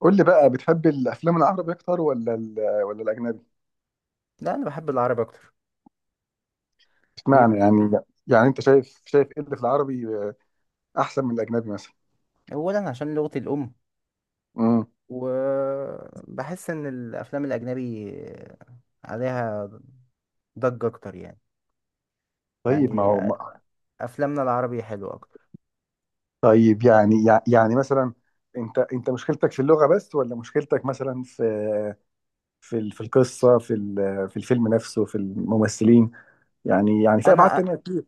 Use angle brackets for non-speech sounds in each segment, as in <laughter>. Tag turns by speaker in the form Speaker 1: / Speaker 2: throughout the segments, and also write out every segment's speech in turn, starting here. Speaker 1: قول لي بقى بتحب الافلام العربي اكتر ولا الاجنبي؟
Speaker 2: لا، انا بحب العربي اكتر. ليه
Speaker 1: اشمعنى
Speaker 2: بقى؟
Speaker 1: يعني؟ يعني انت شايف ايه اللي في العربي احسن من الاجنبي مثلا؟
Speaker 2: اولا عشان لغتي الام،
Speaker 1: امم.
Speaker 2: وبحس ان الافلام الاجنبي عليها ضجة اكتر. يعني
Speaker 1: طيب ما هو
Speaker 2: يعني افلامنا العربي حلوة اكتر.
Speaker 1: طيب يعني يعني مثلا، انت مشكلتك في اللغة بس ولا مشكلتك مثلا في في القصة، في في الفيلم نفسه، في الممثلين، يعني في ابعاد
Speaker 2: انا
Speaker 1: تانية كتير؟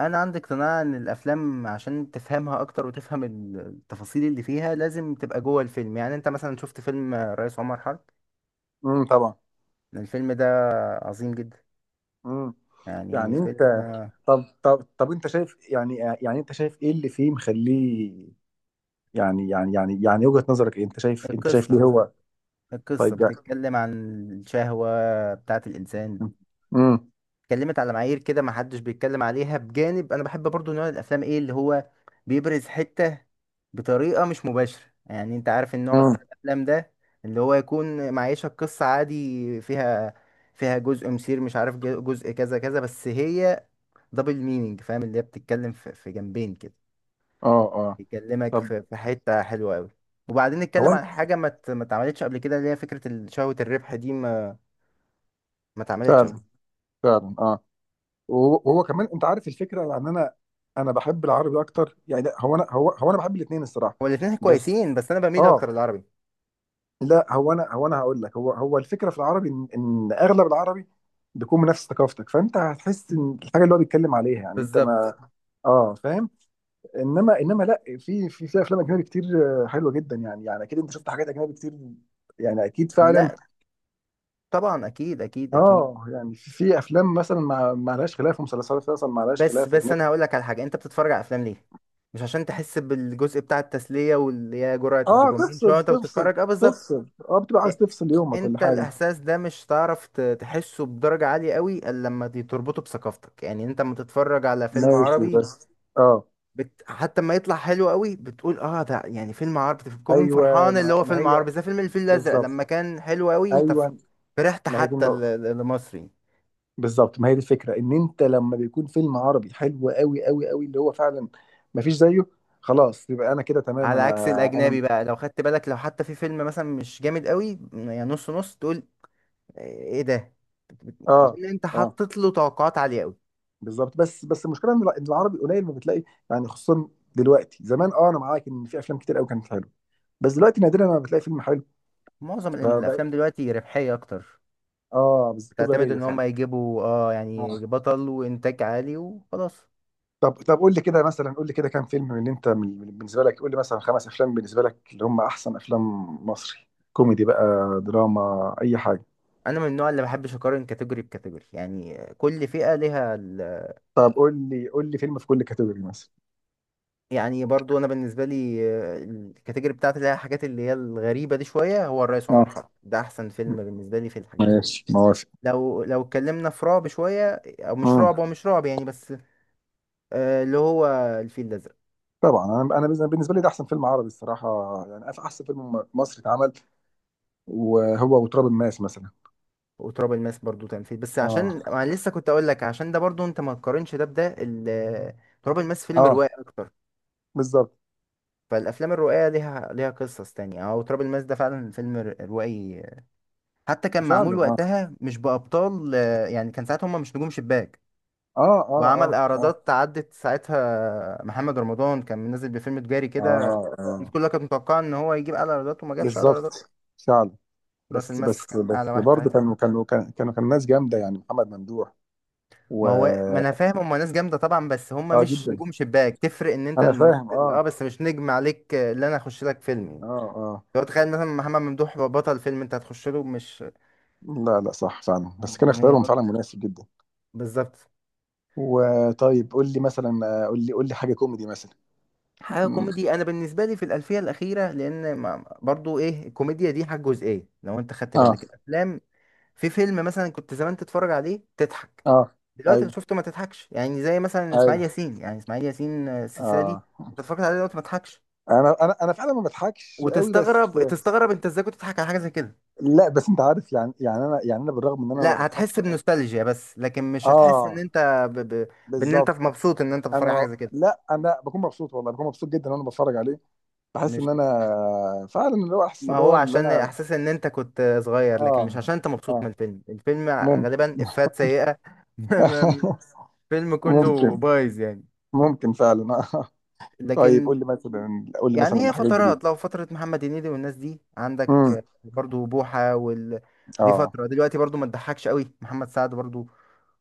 Speaker 2: انا عندي اقتناع ان الافلام عشان تفهمها اكتر وتفهم التفاصيل اللي فيها لازم تبقى جوه الفيلم. يعني انت مثلا شفت فيلم الرئيس عمر حرب؟
Speaker 1: امم، طبعا.
Speaker 2: الفيلم ده عظيم جدا.
Speaker 1: امم.
Speaker 2: يعني
Speaker 1: يعني انت،
Speaker 2: فيلم.
Speaker 1: طب انت شايف يعني، يعني انت شايف ايه اللي فيه مخليه، يعني وجهة نظرك ايه؟ انت شايف، ليه
Speaker 2: القصة
Speaker 1: هو؟
Speaker 2: القصة
Speaker 1: طيب يعني.
Speaker 2: بتتكلم عن الشهوة بتاعة الإنسان.
Speaker 1: امم.
Speaker 2: اتكلمت على معايير كده ما حدش بيتكلم عليها، بجانب انا بحب برضو نوع الافلام ايه، اللي هو بيبرز حتة بطريقة مش مباشرة. يعني انت عارف النوع
Speaker 1: امم.
Speaker 2: بتاع الافلام ده، اللي هو يكون معيشك قصة عادي فيها، فيها جزء مثير، مش عارف، جزء كذا كذا، بس هي دبل مينينج، فاهم؟ اللي هي بتتكلم في في جنبين كده،
Speaker 1: اه، اه.
Speaker 2: بيكلمك
Speaker 1: طب
Speaker 2: في في حتة حلوة قوي. وبعدين
Speaker 1: هو
Speaker 2: نتكلم عن حاجة ما اتعملتش قبل كده، اللي هي فكرة شهوة الربح دي. ما ما اتعملتش قبل.
Speaker 1: فعلا، فعلا اه. وهو كمان انت عارف الفكره، يعني انا بحب العربي اكتر يعني، لا، هو انا بحب الاثنين الصراحه.
Speaker 2: هو الاتنين
Speaker 1: بس
Speaker 2: كويسين، بس انا بميل
Speaker 1: اه.
Speaker 2: اكتر للعربي.
Speaker 1: لا هو انا هقول لك، هو الفكره في العربي، إن اغلب العربي بيكون من نفس ثقافتك، فانت هتحس ان الحاجه اللي هو بيتكلم عليها يعني انت
Speaker 2: بالظبط.
Speaker 1: ما. اه، فاهم. انما لا، في افلام اجنبي كتير آه، حلوه جدا، يعني اكيد انت شفت حاجات اجنبي كتير، يعني اكيد فعلا.
Speaker 2: لا، طبعا، اكيد اكيد اكيد.
Speaker 1: اه، يعني في افلام مثلا ما لهاش خلاف، ومسلسلات مثلا ما لهاش
Speaker 2: بس
Speaker 1: خلاف
Speaker 2: بس
Speaker 1: اجنبي.
Speaker 2: انا هقول لك على حاجه. انت بتتفرج على افلام ليه؟ مش عشان تحس بالجزء بتاع التسليه، واللي هي جرعه
Speaker 1: اه
Speaker 2: الدوبامين شويه
Speaker 1: تفصل،
Speaker 2: وانت
Speaker 1: تفصل
Speaker 2: بتتفرج. اه بالظبط.
Speaker 1: تفصل اه، بتبقى
Speaker 2: إ-
Speaker 1: عايز تفصل يومك ولا
Speaker 2: انت
Speaker 1: حاجه؟
Speaker 2: الاحساس ده مش تعرف تحسه بدرجه عاليه قوي الا لما تربطه بثقافتك. يعني انت لما تتفرج على فيلم
Speaker 1: ماشي
Speaker 2: عربي
Speaker 1: بس. اه.
Speaker 2: حتى ما يطلع حلو قوي بتقول اه ده يعني فيلم عربي، بتكون
Speaker 1: ايوه
Speaker 2: فرحان اللي
Speaker 1: ما,
Speaker 2: هو
Speaker 1: ما
Speaker 2: فيلم
Speaker 1: هي،
Speaker 2: عربي. زي فيلم الفيل الازرق
Speaker 1: بالظبط،
Speaker 2: لما كان حلو قوي، انت
Speaker 1: ايوه
Speaker 2: فرحت
Speaker 1: ما هي دي
Speaker 2: حتى
Speaker 1: النقطه،
Speaker 2: لمصري.
Speaker 1: بالظبط ما هي دي الفكره، ان انت لما بيكون فيلم عربي حلو قوي اللي هو فعلا ما فيش زيه، خلاص يبقى انا كده تمام،
Speaker 2: على
Speaker 1: انا
Speaker 2: عكس
Speaker 1: انا.
Speaker 2: الاجنبي بقى، لو خدت بالك لو حتى في فيلم مثلا مش جامد قوي يعني نص نص، تقول ايه ده،
Speaker 1: اه،
Speaker 2: لان انت
Speaker 1: اه،
Speaker 2: حطيت له توقعات عاليه قوي.
Speaker 1: بالظبط، بس المشكله ان إن العربي قليل ما بتلاقي، يعني خصوصا دلوقتي، زمان اه انا معاك ان في افلام كتير قوي كانت حلوه، بس دلوقتي نادرا ما بتلاقي فيلم حلو،
Speaker 2: معظم
Speaker 1: فبقى.
Speaker 2: الافلام دلوقتي ربحيه اكتر،
Speaker 1: اه بس
Speaker 2: بتعتمد
Speaker 1: تجاريه
Speaker 2: ان هم
Speaker 1: فعلا.
Speaker 2: يجيبوا اه يعني
Speaker 1: اه،
Speaker 2: بطل وانتاج عالي وخلاص.
Speaker 1: طب قول لي كده مثلا، قول لي كده كام فيلم من اللي انت بالنسبه لك، قول لي مثلا خمس افلام بالنسبه لك اللي هم احسن افلام مصري، كوميدي بقى، دراما، اي حاجه.
Speaker 2: انا من النوع اللي بحبش اقارن كاتيجوري بكاتيجوري، يعني كل فئه ليها
Speaker 1: طب قول لي، فيلم في كل كاتيجوري مثلا.
Speaker 2: يعني برضو انا بالنسبه لي الكاتيجوري بتاعتي اللي هي الحاجات اللي هي الغريبه دي شويه، هو الرئيس عمر
Speaker 1: اه،
Speaker 2: حرب ده احسن فيلم بالنسبه لي في الحاجات.
Speaker 1: ماشي، موافق.
Speaker 2: لو لو اتكلمنا في رعب شوية، او مش رعب،
Speaker 1: آه.
Speaker 2: هو مش رعب يعني، بس اللي هو الفيل الازرق.
Speaker 1: طبعًا، أنا بالنسبة لي ده أحسن فيلم عربي الصراحة، يعني أحسن فيلم مصري اتعمل، وهو وتراب الماس مثلًا.
Speaker 2: وتراب الماس برضو كان فيل، بس
Speaker 1: آه،
Speaker 2: عشان انا لسه كنت اقول لك، عشان ده برضو انت ما تقارنش ده بده. تراب الماس فيلم
Speaker 1: آه،
Speaker 2: روائي اكتر،
Speaker 1: بالضبط.
Speaker 2: فالافلام الروائيه ليها ليها قصص تانية. او تراب الماس ده فعلا فيلم روائي، حتى كان
Speaker 1: فعلًا،
Speaker 2: معمول
Speaker 1: آه،
Speaker 2: وقتها مش بابطال، يعني كان ساعتها هم مش نجوم شباك.
Speaker 1: آه، آه،
Speaker 2: وعمل
Speaker 1: آه، آه،
Speaker 2: اعراضات عدت، ساعتها محمد رمضان كان منزل بفيلم تجاري كده،
Speaker 1: آه،
Speaker 2: الناس
Speaker 1: آه،
Speaker 2: كلها كانت متوقعه ان هو يجيب اعلى ايرادات، وما جابش اعلى ايرادات.
Speaker 1: بالضبط، فعلًا.
Speaker 2: راس
Speaker 1: بس
Speaker 2: المس
Speaker 1: بس
Speaker 2: كان اعلى
Speaker 1: بس
Speaker 2: واحد
Speaker 1: برضه
Speaker 2: ساعتها.
Speaker 1: كانوا كانوا كان كانوا كانوا كان ناس جامدة، يعني محمد ممدوح و.
Speaker 2: ما هو ما انا فاهم، هم ناس جامده طبعا، بس هم
Speaker 1: آه
Speaker 2: مش
Speaker 1: جدًا،
Speaker 2: نجوم شباك. تفرق ان انت
Speaker 1: أنا فاهم
Speaker 2: الممثل اه،
Speaker 1: آه،
Speaker 2: بس مش نجم عليك اللي انا اخش لك فيلم يعني.
Speaker 1: آه، آه.
Speaker 2: لو تخيل مثلا محمد ممدوح بطل فيلم، انت هتخش له؟ مش
Speaker 1: لا، لأ، صح فعلًا،
Speaker 2: يعني.
Speaker 1: بس كان
Speaker 2: هي
Speaker 1: اختيارهم فعلًا
Speaker 2: برضه
Speaker 1: مناسب جدًا.
Speaker 2: بالظبط.
Speaker 1: وطيب قُل لي مثلًا، قُل لي حاجة كوميدي مثلًا.
Speaker 2: حاجه
Speaker 1: امم،
Speaker 2: كوميدي. انا بالنسبه لي في الالفيه الاخيره، لان برضو ايه، الكوميديا دي حاجه جزئيه لو انت خدت
Speaker 1: آه،
Speaker 2: بالك الافلام. في فيلم مثلا كنت زمان تتفرج عليه تضحك،
Speaker 1: آه،
Speaker 2: دلوقتي اللي
Speaker 1: أيوه.
Speaker 2: شفته ما تضحكش. يعني زي مثلا اسماعيل
Speaker 1: ايوه
Speaker 2: ياسين، يعني اسماعيل ياسين السلسله دي
Speaker 1: اه،
Speaker 2: انت اتفرجت عليه دلوقتي ما تضحكش،
Speaker 1: انا فعلا ما بضحكش قوي بس.
Speaker 2: وتستغرب انت ازاي كنت تضحك على حاجه زي كده.
Speaker 1: لا بس انت عارف، يعني يعني انا، يعني انا بالرغم ان انا ما
Speaker 2: لا، هتحس
Speaker 1: بضحكش اه.
Speaker 2: بنوستالجيا، بس لكن مش هتحس ان
Speaker 1: آه،
Speaker 2: انت ب... ب... بان انت
Speaker 1: بالظبط.
Speaker 2: مبسوط ان انت بتتفرج على حاجه
Speaker 1: انا
Speaker 2: زي كده.
Speaker 1: لا، انا بكون مبسوط والله، بكون مبسوط جدا وانا بتفرج عليه، بحس
Speaker 2: مش
Speaker 1: ان انا فعلا اللي هو احسن،
Speaker 2: ما
Speaker 1: اللي
Speaker 2: هو
Speaker 1: هو اللي
Speaker 2: عشان
Speaker 1: انا.
Speaker 2: احساس ان انت كنت صغير، لكن مش
Speaker 1: اه،
Speaker 2: عشان انت مبسوط من
Speaker 1: اه،
Speaker 2: الفيلم. الفيلم غالبا
Speaker 1: ممكن.
Speaker 2: افات سيئه. <laughs>
Speaker 1: <laughs>
Speaker 2: الفيلم كله
Speaker 1: ممكن،
Speaker 2: بايظ يعني.
Speaker 1: ممكن فعلا آه. طيب
Speaker 2: لكن
Speaker 1: قول لي مثلا، قول لي مثلا
Speaker 2: يعني هي
Speaker 1: حاجات جديده.
Speaker 2: فترات، لو فتره محمد هنيدي والناس دي
Speaker 1: امم،
Speaker 2: عندك برضو بوحه دي
Speaker 1: اه.
Speaker 2: فتره دلوقتي برضو ما تضحكش قوي. محمد سعد برضو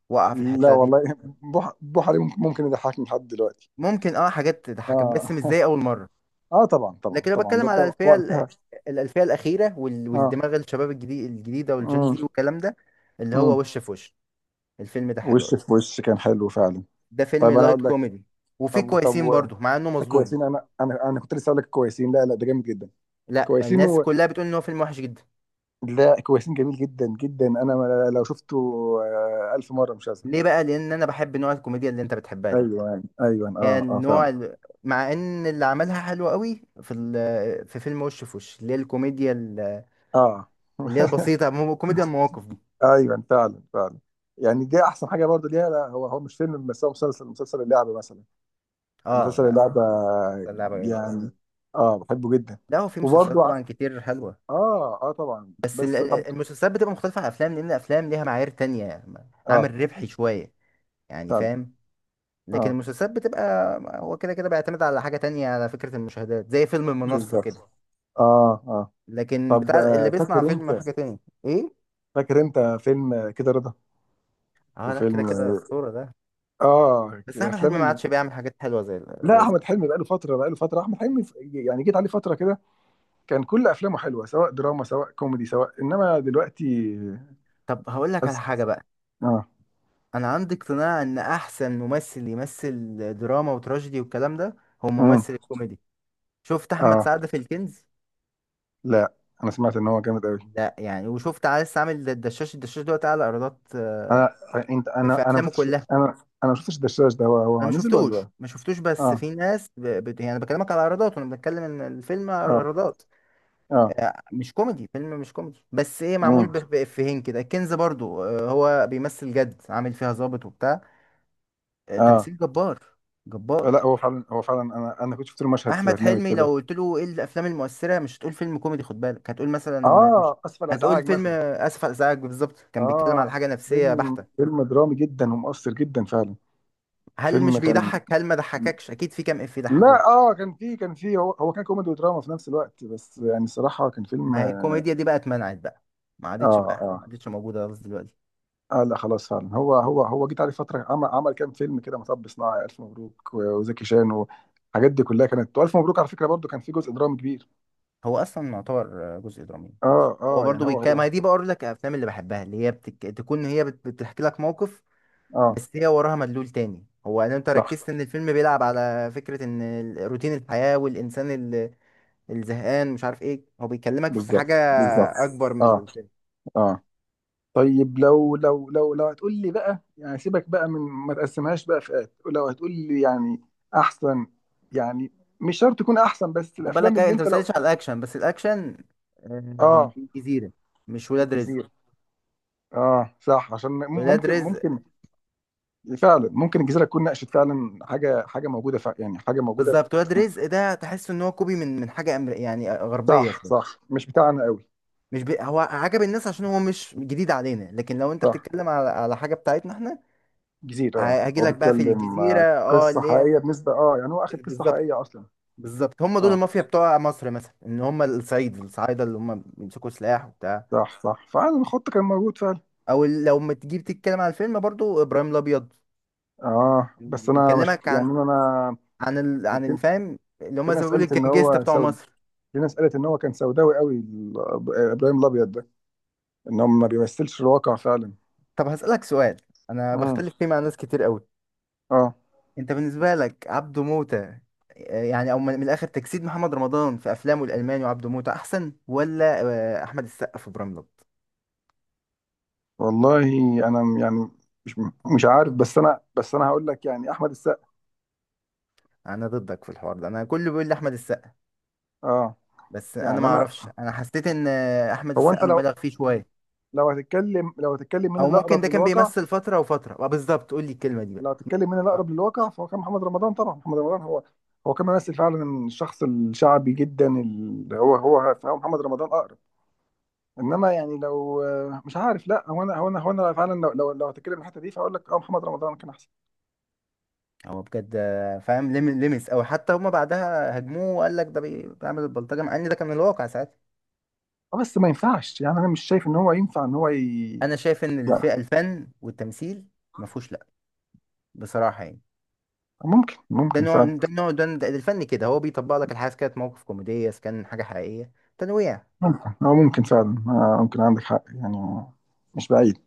Speaker 2: وقع في
Speaker 1: لا
Speaker 2: الحته دي.
Speaker 1: والله، بوح عليه، ممكن ممكن يضحكني لحد دلوقتي.
Speaker 2: ممكن اه حاجات تضحكك، بس مش
Speaker 1: اه
Speaker 2: زي
Speaker 1: <laughs>
Speaker 2: اول مره.
Speaker 1: اه، طبعا طبعا
Speaker 2: لكن انا
Speaker 1: طبعا
Speaker 2: بتكلم
Speaker 1: ده
Speaker 2: على
Speaker 1: طبعا وقتها.
Speaker 2: الالفيه الاخيره
Speaker 1: اه،
Speaker 2: والدماغ الشباب الجديد الجديده والجين
Speaker 1: امم،
Speaker 2: زي والكلام ده، اللي
Speaker 1: امم.
Speaker 2: هو وش في وش. الفيلم ده حلو
Speaker 1: وش
Speaker 2: قوي.
Speaker 1: في وش كان حلو فعلا.
Speaker 2: ده فيلم
Speaker 1: طيب انا
Speaker 2: لايت
Speaker 1: اقول لك.
Speaker 2: كوميدي، وفيه
Speaker 1: طب طب
Speaker 2: كويسين
Speaker 1: و...
Speaker 2: برضه مع انه مظلوم.
Speaker 1: كويسين، انا كنت لسه اقول لك كويسين، لا لا ده جامد جدا.
Speaker 2: لا
Speaker 1: كويسين
Speaker 2: الناس
Speaker 1: و...
Speaker 2: كلها بتقول ان هو فيلم وحش جدا.
Speaker 1: لا، كويسين جميل جدا جدا، انا لو شفته آه، ألف مرة مش هزهق.
Speaker 2: ليه بقى؟ لان انا بحب نوع الكوميديا اللي انت بتحبها دي،
Speaker 1: ايوه ايوه أيوه.
Speaker 2: يعني
Speaker 1: اه اه فعلا.
Speaker 2: نوع مع ان اللي عملها حلو قوي في في فيلم وش في وش، اللي هي الكوميديا
Speaker 1: اه
Speaker 2: اللي هي
Speaker 1: <laughs>
Speaker 2: البسيطه، كوميديا المواقف دي.
Speaker 1: ايوه فعلا فعلا. يعني دي احسن حاجه برضه ليها، لا هو مش فيلم، بس هو مسلسل، اللعبه مثلا،
Speaker 2: اه
Speaker 1: مسلسل
Speaker 2: لا،
Speaker 1: اللعبه
Speaker 2: بس اللعبه جامدة.
Speaker 1: يعني. اه، بحبه جدا.
Speaker 2: لا هو في
Speaker 1: وبرضه،
Speaker 2: مسلسلات طبعا كتير حلوة،
Speaker 1: اه اه طبعا،
Speaker 2: بس
Speaker 1: بس طب.
Speaker 2: المسلسلات بتبقى مختلفة عن الأفلام، لأن الأفلام ليها معايير تانية،
Speaker 1: اه
Speaker 2: عامل ربحي شوية، يعني
Speaker 1: فعلا.
Speaker 2: فاهم. لكن
Speaker 1: اه
Speaker 2: المسلسلات بتبقى، هو كده كده بيعتمد على حاجة تانية على فكرة المشاهدات، زي فيلم المنصة
Speaker 1: بالظبط.
Speaker 2: كده،
Speaker 1: اه اه.
Speaker 2: لكن
Speaker 1: طب
Speaker 2: بتاع
Speaker 1: آه،
Speaker 2: اللي بيصنع
Speaker 1: فاكر انت،
Speaker 2: فيلم حاجة تانية. إيه؟
Speaker 1: فيلم آه، كده رضا،
Speaker 2: اه لا، كده
Speaker 1: وفيلم
Speaker 2: كده
Speaker 1: اه
Speaker 2: أسطورة ده.
Speaker 1: آه،
Speaker 2: بس أحمد
Speaker 1: الافلام
Speaker 2: حلمي ما
Speaker 1: اللي.
Speaker 2: عادش بيعمل حاجات حلوة زي
Speaker 1: لا
Speaker 2: زي.
Speaker 1: احمد حلمي بقاله فتره، احمد حلمي يعني جيت عليه فتره كده، كان كل افلامه حلوه سواء دراما سواء كوميدي سواء، انما دلوقتي.
Speaker 2: طب هقول لك على
Speaker 1: بس
Speaker 2: حاجة بقى.
Speaker 1: اه.
Speaker 2: أنا عندي اقتناع إن أحسن ممثل يمثل دراما وتراجيدي والكلام ده هو
Speaker 1: امم.
Speaker 2: ممثل الكوميدي. شفت أحمد
Speaker 1: اه
Speaker 2: سعد في الكنز؟
Speaker 1: لا، انا سمعت ان هو جامد قوي.
Speaker 2: ده يعني، وشفت عايز عامل الدشاش. الدشاش دوت اعلى ايرادات
Speaker 1: انا، انت، انا
Speaker 2: في
Speaker 1: انا ما
Speaker 2: افلامه
Speaker 1: شفتش،
Speaker 2: كلها.
Speaker 1: انا، ما شفتش الدشاش ده، هو
Speaker 2: انا
Speaker 1: هو
Speaker 2: ما
Speaker 1: نزل
Speaker 2: شفتوش
Speaker 1: ولا؟
Speaker 2: ما شفتوش، بس
Speaker 1: اه،
Speaker 2: في ناس يعني بكلمك على ايرادات، وانا بتكلم ان الفيلم
Speaker 1: اه،
Speaker 2: ايرادات.
Speaker 1: اه،
Speaker 2: مش كوميدي. فيلم مش كوميدي، بس ايه، معمول
Speaker 1: امم،
Speaker 2: بافيهين كده. الكنز برضو هو بيمثل جد، عامل فيها ظابط وبتاع،
Speaker 1: اه.
Speaker 2: تمثيل جبار، جبار.
Speaker 1: لا هو فعلا، انا كنت شفت له مشهد في
Speaker 2: احمد
Speaker 1: برنامج
Speaker 2: حلمي لو
Speaker 1: كده.
Speaker 2: قلت له ايه الافلام المؤثره، مش هتقول فيلم كوميدي، خد بالك، هتقول مثلا، مش
Speaker 1: اه، اسف على
Speaker 2: هتقول
Speaker 1: الازعاج
Speaker 2: فيلم
Speaker 1: مثلا.
Speaker 2: اسف على الازعاج. بالظبط، كان بيتكلم على
Speaker 1: اه،
Speaker 2: حاجه نفسيه
Speaker 1: فيلم
Speaker 2: بحته.
Speaker 1: فيلم درامي جدا ومؤثر جدا فعلا.
Speaker 2: هل
Speaker 1: فيلم
Speaker 2: مش
Speaker 1: كان.
Speaker 2: بيضحك؟ هل ما ضحككش؟ اكيد في كام اف ضحكوه.
Speaker 1: لا اه، كان فيه، هو كان كوميدي ودراما في نفس الوقت، بس يعني الصراحه كان فيلم
Speaker 2: ما هي
Speaker 1: اه.
Speaker 2: الكوميديا دي بقى اتمنعت بقى، ما عادتش بقى، ما
Speaker 1: اه،
Speaker 2: عادتش موجوده خالص دلوقتي.
Speaker 1: اه. لا خلاص فعلا، هو جيت عليه فتره، عمل كام فيلم كده، مطب صناعي، الف مبروك، وزكي شان، والحاجات دي كلها كانت، والف مبروك على فكره برضو كان فيه جزء درامي كبير.
Speaker 2: هو اصلا يعتبر جزء درامي كبير.
Speaker 1: اه
Speaker 2: هو
Speaker 1: اه
Speaker 2: برضو
Speaker 1: يعني هو
Speaker 2: بيتكلم، ما
Speaker 1: هو.
Speaker 2: هي دي بقول لك الافلام اللي بحبها، اللي هي تكون هي بتحكي لك موقف،
Speaker 1: اه.
Speaker 2: بس هي وراها مدلول تاني. هو ان انت ركزت
Speaker 1: صح.
Speaker 2: ان الفيلم بيلعب على فكره ان روتين الحياه، والانسان الزهقان، مش عارف ايه، هو بيكلمك في
Speaker 1: بالظبط،
Speaker 2: حاجه
Speaker 1: بالظبط.
Speaker 2: اكبر من
Speaker 1: اه،
Speaker 2: الفيلم.
Speaker 1: اه. طيب لو لو هتقول لي بقى، يعني سيبك بقى من ما تقسمهاش بقى فئات، لو هتقول لي يعني احسن، يعني مش شرط تكون احسن، بس
Speaker 2: وخد
Speaker 1: الافلام
Speaker 2: بالك
Speaker 1: اللي
Speaker 2: انت ما
Speaker 1: انت لو.
Speaker 2: سالتش على الاكشن. بس الاكشن آه،
Speaker 1: اه،
Speaker 2: الجزيره، مش ولاد رزق.
Speaker 1: الجزيره. اه صح، عشان
Speaker 2: ولاد
Speaker 1: ممكن،
Speaker 2: رزق
Speaker 1: ممكن فعلا ممكن الجزيره تكون ناقشت فعلا حاجه، حاجه موجوده فع، يعني حاجه موجوده.
Speaker 2: بالظبط، ولاد رزق ده تحس ان هو كوبي من من حاجه يعني غربيه
Speaker 1: صح
Speaker 2: شويه.
Speaker 1: صح، مش بتاعنا قوي.
Speaker 2: مش بي... هو عجب الناس عشان هو مش جديد علينا، لكن لو انت
Speaker 1: صح.
Speaker 2: بتتكلم على على حاجه بتاعتنا احنا،
Speaker 1: جزيره، اه
Speaker 2: هاجي
Speaker 1: هو
Speaker 2: لك بقى في
Speaker 1: بيتكلم
Speaker 2: الجزيره،
Speaker 1: آه،
Speaker 2: اه
Speaker 1: قصه
Speaker 2: اللي هي
Speaker 1: حقيقيه بالنسبه، اه يعني هو اخد قصه
Speaker 2: بالظبط،
Speaker 1: حقيقيه اصلا.
Speaker 2: بالظبط، هم دول
Speaker 1: اه
Speaker 2: المافيا بتوع مصر مثلا، ان هم الصعيد، الصعايده اللي هم بيمسكوا سلاح وبتاع.
Speaker 1: صح صح، فعلا الخط كان موجود فعلا.
Speaker 2: او لو ما تجيب تتكلم على الفيلم برضو ابراهيم الابيض،
Speaker 1: اه بس انا ما شفت
Speaker 2: بيكلمك
Speaker 1: يعني
Speaker 2: عن
Speaker 1: انا. أنا،
Speaker 2: عن
Speaker 1: في،
Speaker 2: الفهم، اللي
Speaker 1: في
Speaker 2: هم زي ما
Speaker 1: ناس
Speaker 2: بيقولوا
Speaker 1: قالت ان
Speaker 2: الجنجستا
Speaker 1: هو
Speaker 2: بتوع
Speaker 1: سود،
Speaker 2: مصر.
Speaker 1: في ناس قالت ان هو كان سوداوي قوي ابراهيم الابيض ده، ان هو ما بيمثلش الواقع فعلا.
Speaker 2: طب هسألك سؤال، انا
Speaker 1: امم.
Speaker 2: بختلف فيه مع ناس كتير قوي.
Speaker 1: اه.
Speaker 2: انت بالنسبه لك عبده موته يعني، او من من الاخر، تجسيد محمد رمضان في افلامه الالماني وعبده موته احسن، ولا احمد السقا في براملت؟
Speaker 1: والله انا يعني، مش مش عارف، بس انا هقول لك يعني احمد السقا.
Speaker 2: انا ضدك في الحوار ده. انا كله بيقول لي احمد السقا،
Speaker 1: اه.
Speaker 2: بس انا
Speaker 1: يعني
Speaker 2: ما
Speaker 1: انا،
Speaker 2: اعرفش، انا حسيت ان احمد
Speaker 1: هو
Speaker 2: السقا
Speaker 1: انت لو،
Speaker 2: مبالغ فيه شويه.
Speaker 1: لو هتتكلم، مين
Speaker 2: او ممكن ده
Speaker 1: الاقرب
Speaker 2: كان
Speaker 1: للواقع؟
Speaker 2: بيمثل فتره، وفتره بالظبط، قول لي الكلمه دي بقى.
Speaker 1: لو هتتكلم مين
Speaker 2: آه.
Speaker 1: الاقرب للواقع فهو كان محمد رمضان طبعا، محمد رمضان هو، كان ممثل فعلا الشخص الشعبي جدا اللي هو هو محمد رمضان اقرب، انما يعني لو، مش عارف، لا هو انا فعلا لو لو هتكلم من الحته دي فاقول لك اه محمد رمضان كان احسن.
Speaker 2: هو بجد فاهم، لمس، او حتى هما بعدها هجموه وقال لك ده بيعمل البلطجه، مع ان ده كان الواقع ساعتها.
Speaker 1: اه بس ما ينفعش، يعني انا مش شايف ان هو ينفع ان هو ي...
Speaker 2: انا شايف ان
Speaker 1: يعني.
Speaker 2: الفئه، الفن والتمثيل ما فيهوش لا، بصراحه يعني.
Speaker 1: ممكن
Speaker 2: ده
Speaker 1: ممكن
Speaker 2: نوع
Speaker 1: فعلا،
Speaker 2: ده نوع ده ده الفن كده، هو بيطبق لك الحاجه، إذا كانت موقف كوميديا، إذا كان حاجه حقيقيه، تنويع.
Speaker 1: ممكن هو ممكن فعلا آه، ممكن عندك حق يعني، مش بعيد.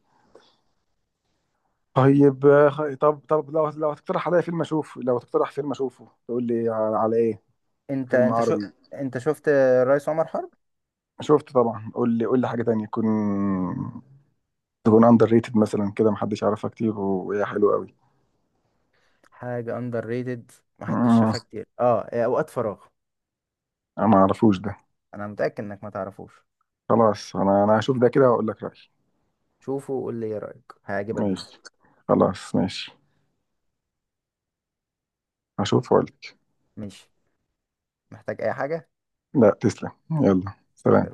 Speaker 1: طيب آه، طب لو هتقترح عليا فيلم اشوفه، لو تقترح فيلم اشوفه، تقول لي على ايه؟
Speaker 2: انت
Speaker 1: فيلم
Speaker 2: انت شو
Speaker 1: عربي.
Speaker 2: انت شفت الرئيس عمر حرب؟
Speaker 1: شفته طبعا، قول لي، حاجه تانية، تكون اندر ريتد مثلا كده، محدش يعرفها كتير وهي حلوه قوي.
Speaker 2: حاجه اندر ريتد، محدش
Speaker 1: مم،
Speaker 2: شافها كتير، اه، اوقات فراغ.
Speaker 1: انا ما اعرفوش ده.
Speaker 2: انا متاكد انك ما تعرفوش.
Speaker 1: خلاص انا، هشوف ده كده واقول لك رأيي.
Speaker 2: شوفه وقول لي ايه رايك، هيعجبك جدا.
Speaker 1: ماشي، خلاص ماشي، هشوف واقول لك.
Speaker 2: ماشي، محتاج اي حاجه؟
Speaker 1: لا تسلم، يلا سلام.